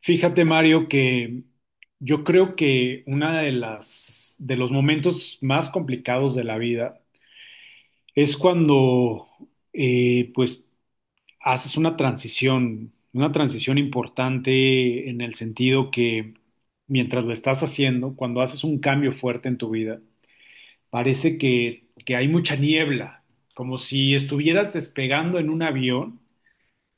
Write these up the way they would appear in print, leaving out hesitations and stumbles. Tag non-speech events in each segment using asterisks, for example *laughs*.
Fíjate, Mario, que yo creo que una de las de los momentos más complicados de la vida es cuando pues haces una transición importante en el sentido que mientras lo estás haciendo, cuando haces un cambio fuerte en tu vida, parece que hay mucha niebla, como si estuvieras despegando en un avión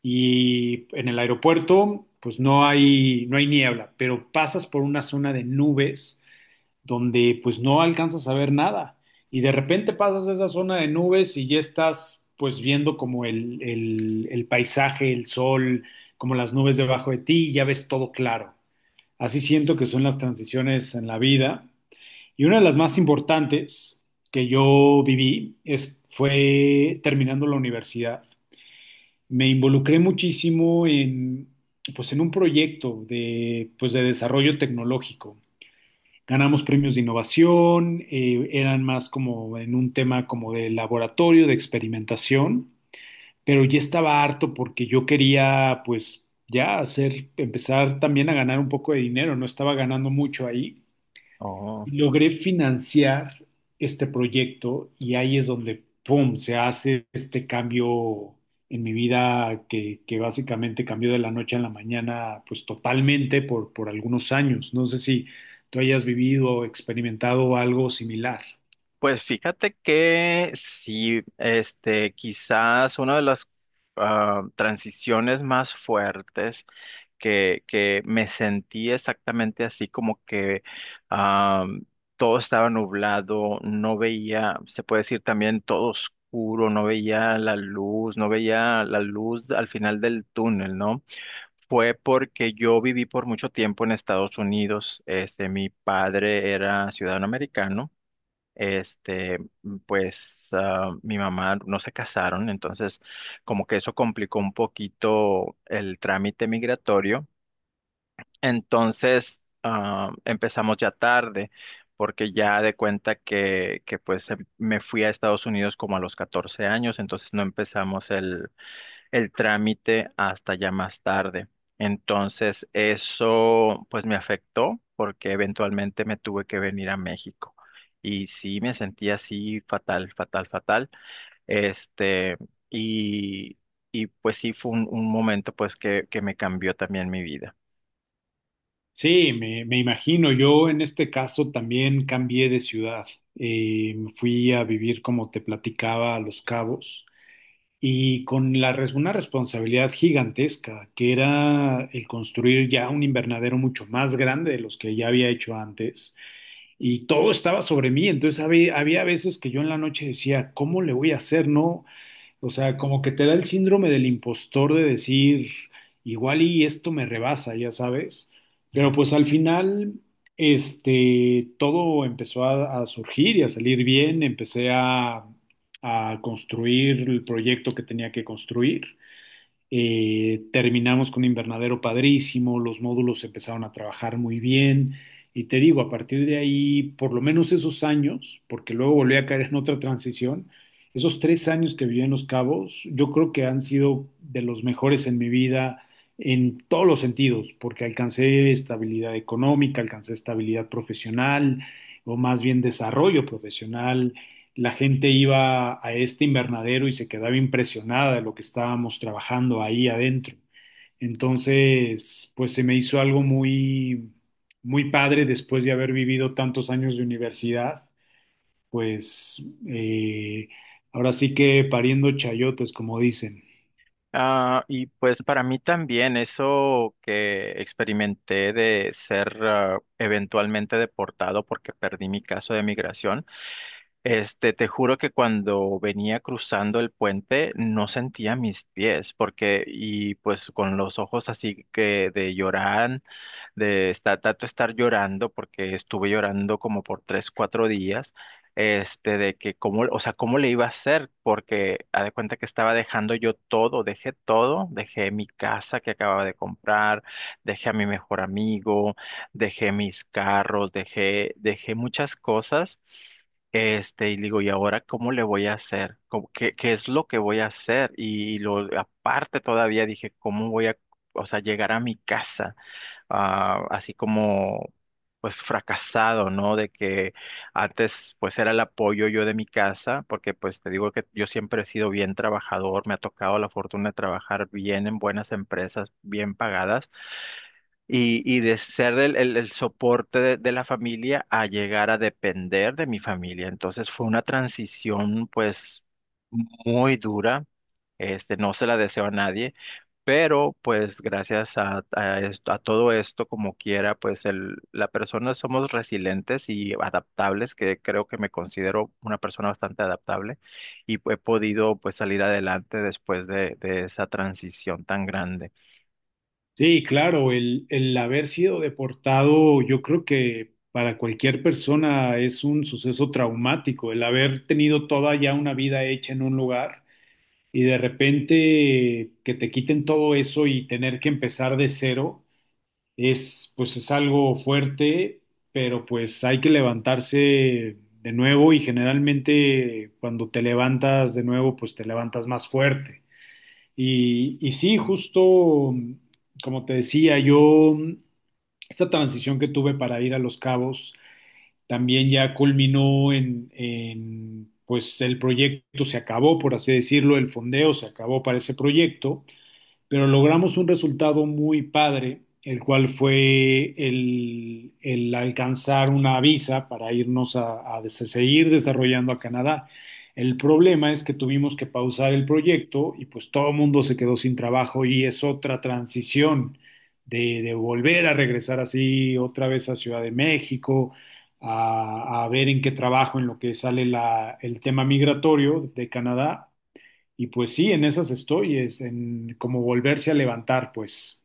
y en el aeropuerto pues no hay niebla, pero pasas por una zona de nubes donde pues no alcanzas a ver nada, y de repente pasas a esa zona de nubes y ya estás pues viendo como el paisaje, el sol, como las nubes debajo de ti, y ya ves todo claro. Así siento que son las transiciones en la vida, y una de las más importantes que yo viví fue terminando la universidad. Me involucré muchísimo pues en un proyecto pues de desarrollo tecnológico. Ganamos premios de innovación. Eran más como en un tema como de laboratorio, de experimentación, pero ya estaba harto porque yo quería, pues, ya empezar también a ganar un poco de dinero. No estaba ganando mucho ahí. Oh, Y logré financiar este proyecto, y ahí es donde, ¡pum!, se hace este cambio en mi vida que básicamente cambió de la noche a la mañana, pues totalmente por algunos años. No sé si tú hayas vivido o experimentado algo similar. pues fíjate que sí, quizás una de las transiciones más fuertes que me sentí exactamente así, como que ah, todo estaba nublado, no veía, se puede decir también todo oscuro, no veía la luz, no veía la luz al final del túnel, ¿no? Fue porque yo viví por mucho tiempo en Estados Unidos. Este, mi padre era ciudadano americano. Este, pues mi mamá no se casaron, entonces como que eso complicó un poquito el trámite migratorio. Entonces empezamos ya tarde, porque ya de cuenta que pues me fui a Estados Unidos como a los 14 años, entonces no empezamos el trámite hasta ya más tarde. Entonces, eso pues me afectó porque eventualmente me tuve que venir a México. Y sí, me sentí así fatal, fatal, fatal. Este, y, y pues sí fue un momento pues que me cambió también mi vida. Sí, me imagino. Yo en este caso también cambié de ciudad. Fui a vivir, como te platicaba, a Los Cabos. Y una responsabilidad gigantesca, que era el construir ya un invernadero mucho más grande de los que ya había hecho antes, y todo estaba sobre mí. Entonces había veces que yo en la noche decía, ¿cómo le voy a hacer? No, o sea, como que te da el síndrome del impostor de decir, igual y esto me rebasa, ya sabes. Pero pues al final, este, todo empezó a surgir y a salir bien. Empecé a construir el proyecto que tenía que construir. Terminamos con un invernadero padrísimo, los módulos empezaron a trabajar muy bien. Y te digo, a partir de ahí, por lo menos esos años, porque luego volví a caer en otra transición, esos 3 años que viví en Los Cabos, yo creo que han sido de los mejores en mi vida en todos los sentidos, porque alcancé estabilidad económica, alcancé estabilidad profesional, o más bien desarrollo profesional. La gente iba a este invernadero y se quedaba impresionada de lo que estábamos trabajando ahí adentro. Entonces, pues se me hizo algo muy, muy padre después de haber vivido tantos años de universidad. Pues ahora sí que pariendo chayotes, como dicen. Y pues para mí también eso que experimenté de ser eventualmente deportado porque perdí mi caso de migración, te juro que cuando venía cruzando el puente no sentía mis pies porque pues con los ojos así que de llorar, de estar, tanto estar llorando porque estuve llorando como por 3, 4 días de que cómo, o sea, cómo le iba a hacer, porque haz de cuenta que estaba dejando yo todo, dejé mi casa que acababa de comprar, dejé a mi mejor amigo, dejé mis carros, dejé, dejé muchas cosas, y digo, ¿y ahora cómo le voy a hacer? ¿Qué es lo que voy a hacer? Y, aparte todavía dije, ¿cómo voy a, o sea, llegar a mi casa? Así como pues fracasado, ¿no? De que antes pues era el apoyo yo de mi casa, porque pues te digo que yo siempre he sido bien trabajador, me ha tocado la fortuna de trabajar bien en buenas empresas, bien pagadas, y de ser el, el soporte de la familia a llegar a depender de mi familia. Entonces fue una transición pues muy dura, no se la deseo a nadie pero pues gracias a todo esto, como quiera, pues el, la persona somos resilientes y adaptables, que creo que me considero una persona bastante adaptable y he podido pues salir adelante después de esa transición tan grande. Sí, claro, el haber sido deportado, yo creo que para cualquier persona es un suceso traumático; el haber tenido toda ya una vida hecha en un lugar y de repente que te quiten todo eso y tener que empezar de cero es pues es algo fuerte, pero pues hay que levantarse de nuevo, y generalmente cuando te levantas de nuevo pues te levantas más fuerte. Y sí, justo como te decía, yo, esta transición que tuve para ir a Los Cabos también ya culminó pues el proyecto se acabó, por así decirlo, el fondeo se acabó para ese proyecto, pero logramos un resultado muy padre, el cual fue el alcanzar una visa para irnos a seguir desarrollando a Canadá. El problema es que tuvimos que pausar el proyecto y pues todo el mundo se quedó sin trabajo, y es otra transición de volver a regresar así otra vez a Ciudad de México, a ver en qué trabajo en lo que sale el tema migratorio de Canadá, y pues sí, en esas estoy, es en como volverse a levantar, pues.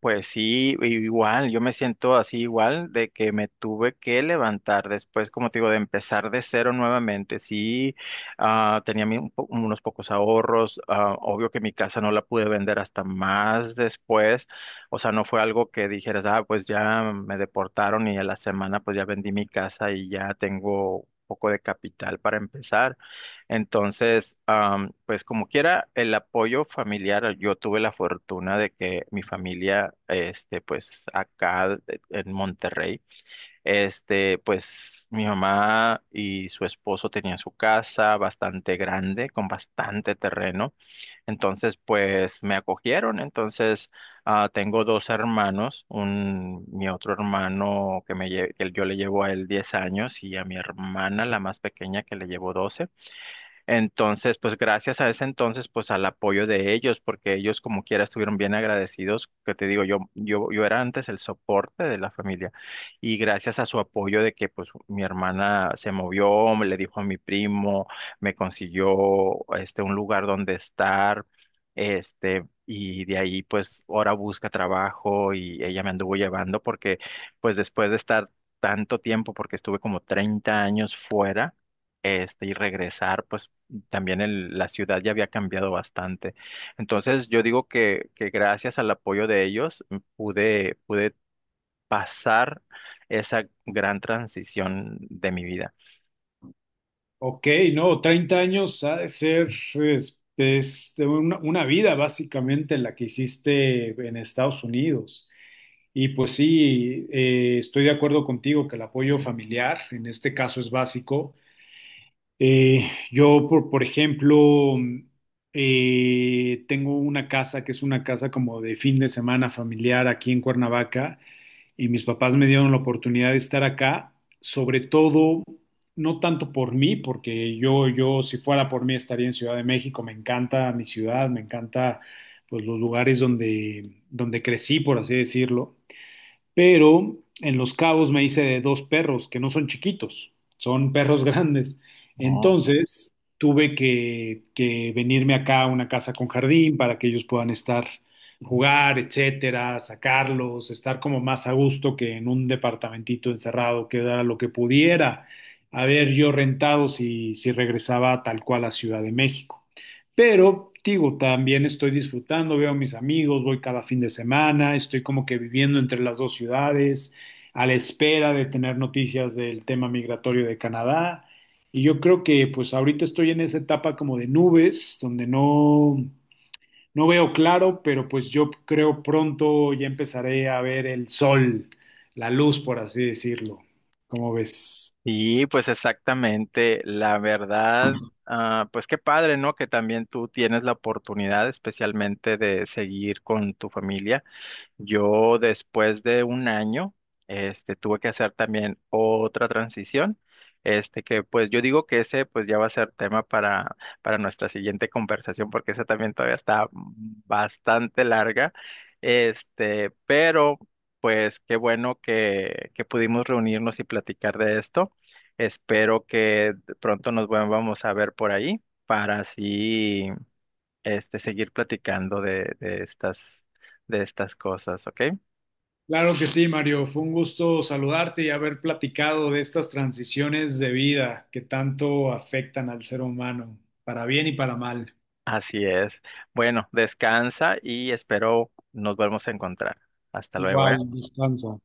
Pues sí, igual, yo me siento así igual de que me tuve que levantar después, como te digo, de empezar de cero nuevamente. Sí, tenía unos pocos ahorros, obvio que mi casa no la pude vender hasta más después, o sea, no fue algo que dijeras, pues ya me deportaron y a la semana pues ya vendí mi casa y ya tengo un poco de capital para empezar. Entonces, pues como quiera, el apoyo familiar, yo tuve la fortuna de que mi familia, pues acá en Monterrey, pues mi mamá y su esposo tenían su casa bastante grande, con bastante terreno. Entonces, pues me acogieron. Entonces, tengo dos hermanos, mi otro hermano que yo le llevo a él 10 años y a mi hermana, la más pequeña, que le llevo 12. Entonces, pues gracias a ese entonces, pues al apoyo de ellos, porque ellos como quiera estuvieron bien agradecidos, que te digo, yo era antes el soporte de la familia y gracias a su apoyo de que pues mi hermana se movió, me le dijo a mi primo, me consiguió un lugar donde estar, y de ahí pues ahora busca trabajo y ella me anduvo llevando porque pues después de estar tanto tiempo, porque estuve como 30 años fuera, y regresar, pues también la ciudad ya había cambiado bastante. Entonces yo digo que gracias al apoyo de ellos pude pasar esa gran transición de mi vida. Ok, no, 30 años ha de ser, es una vida básicamente la que hiciste en Estados Unidos. Y pues sí, estoy de acuerdo contigo que el apoyo familiar en este caso es básico. Yo, por ejemplo, tengo una casa que es una casa como de fin de semana familiar aquí en Cuernavaca, y mis papás me dieron la oportunidad de estar acá, sobre todo no tanto por mí, porque yo si fuera por mí estaría en Ciudad de México. Me encanta mi ciudad, me encanta pues los lugares donde crecí, por así decirlo, pero en Los Cabos me hice de dos perros que no son chiquitos, son perros *laughs* grandes. Oh. Entonces tuve que venirme acá a una casa con jardín para que ellos puedan estar, jugar, etcétera, sacarlos, estar como más a gusto que en un departamentito encerrado, que era lo que pudiera haber yo rentado si regresaba tal cual a Ciudad de México. Pero, digo, también estoy disfrutando, veo a mis amigos, voy cada fin de semana, estoy como que viviendo entre las dos ciudades, a la espera de tener noticias del tema migratorio de Canadá. Y yo creo que pues ahorita estoy en esa etapa como de nubes, donde no veo claro, pero pues yo creo pronto ya empezaré a ver el sol, la luz, por así decirlo. ¿Cómo ves? Y pues exactamente, la verdad, pues qué padre, ¿no? Que también tú tienes la oportunidad especialmente de seguir con tu familia. Yo después de un año, tuve que hacer también otra transición, que pues yo digo que ese pues ya va a ser tema para, nuestra siguiente conversación, porque esa también todavía está bastante larga, pero pues qué bueno que pudimos reunirnos y platicar de esto. Espero que pronto nos volvamos a ver por ahí para así seguir platicando de estas cosas, ¿ok? Claro que sí, Mario. Fue un gusto saludarte y haber platicado de estas transiciones de vida que tanto afectan al ser humano, para bien y para mal. Así es. Bueno, descansa y espero nos volvamos a encontrar. Hasta luego, ¿eh? Igual, descansa.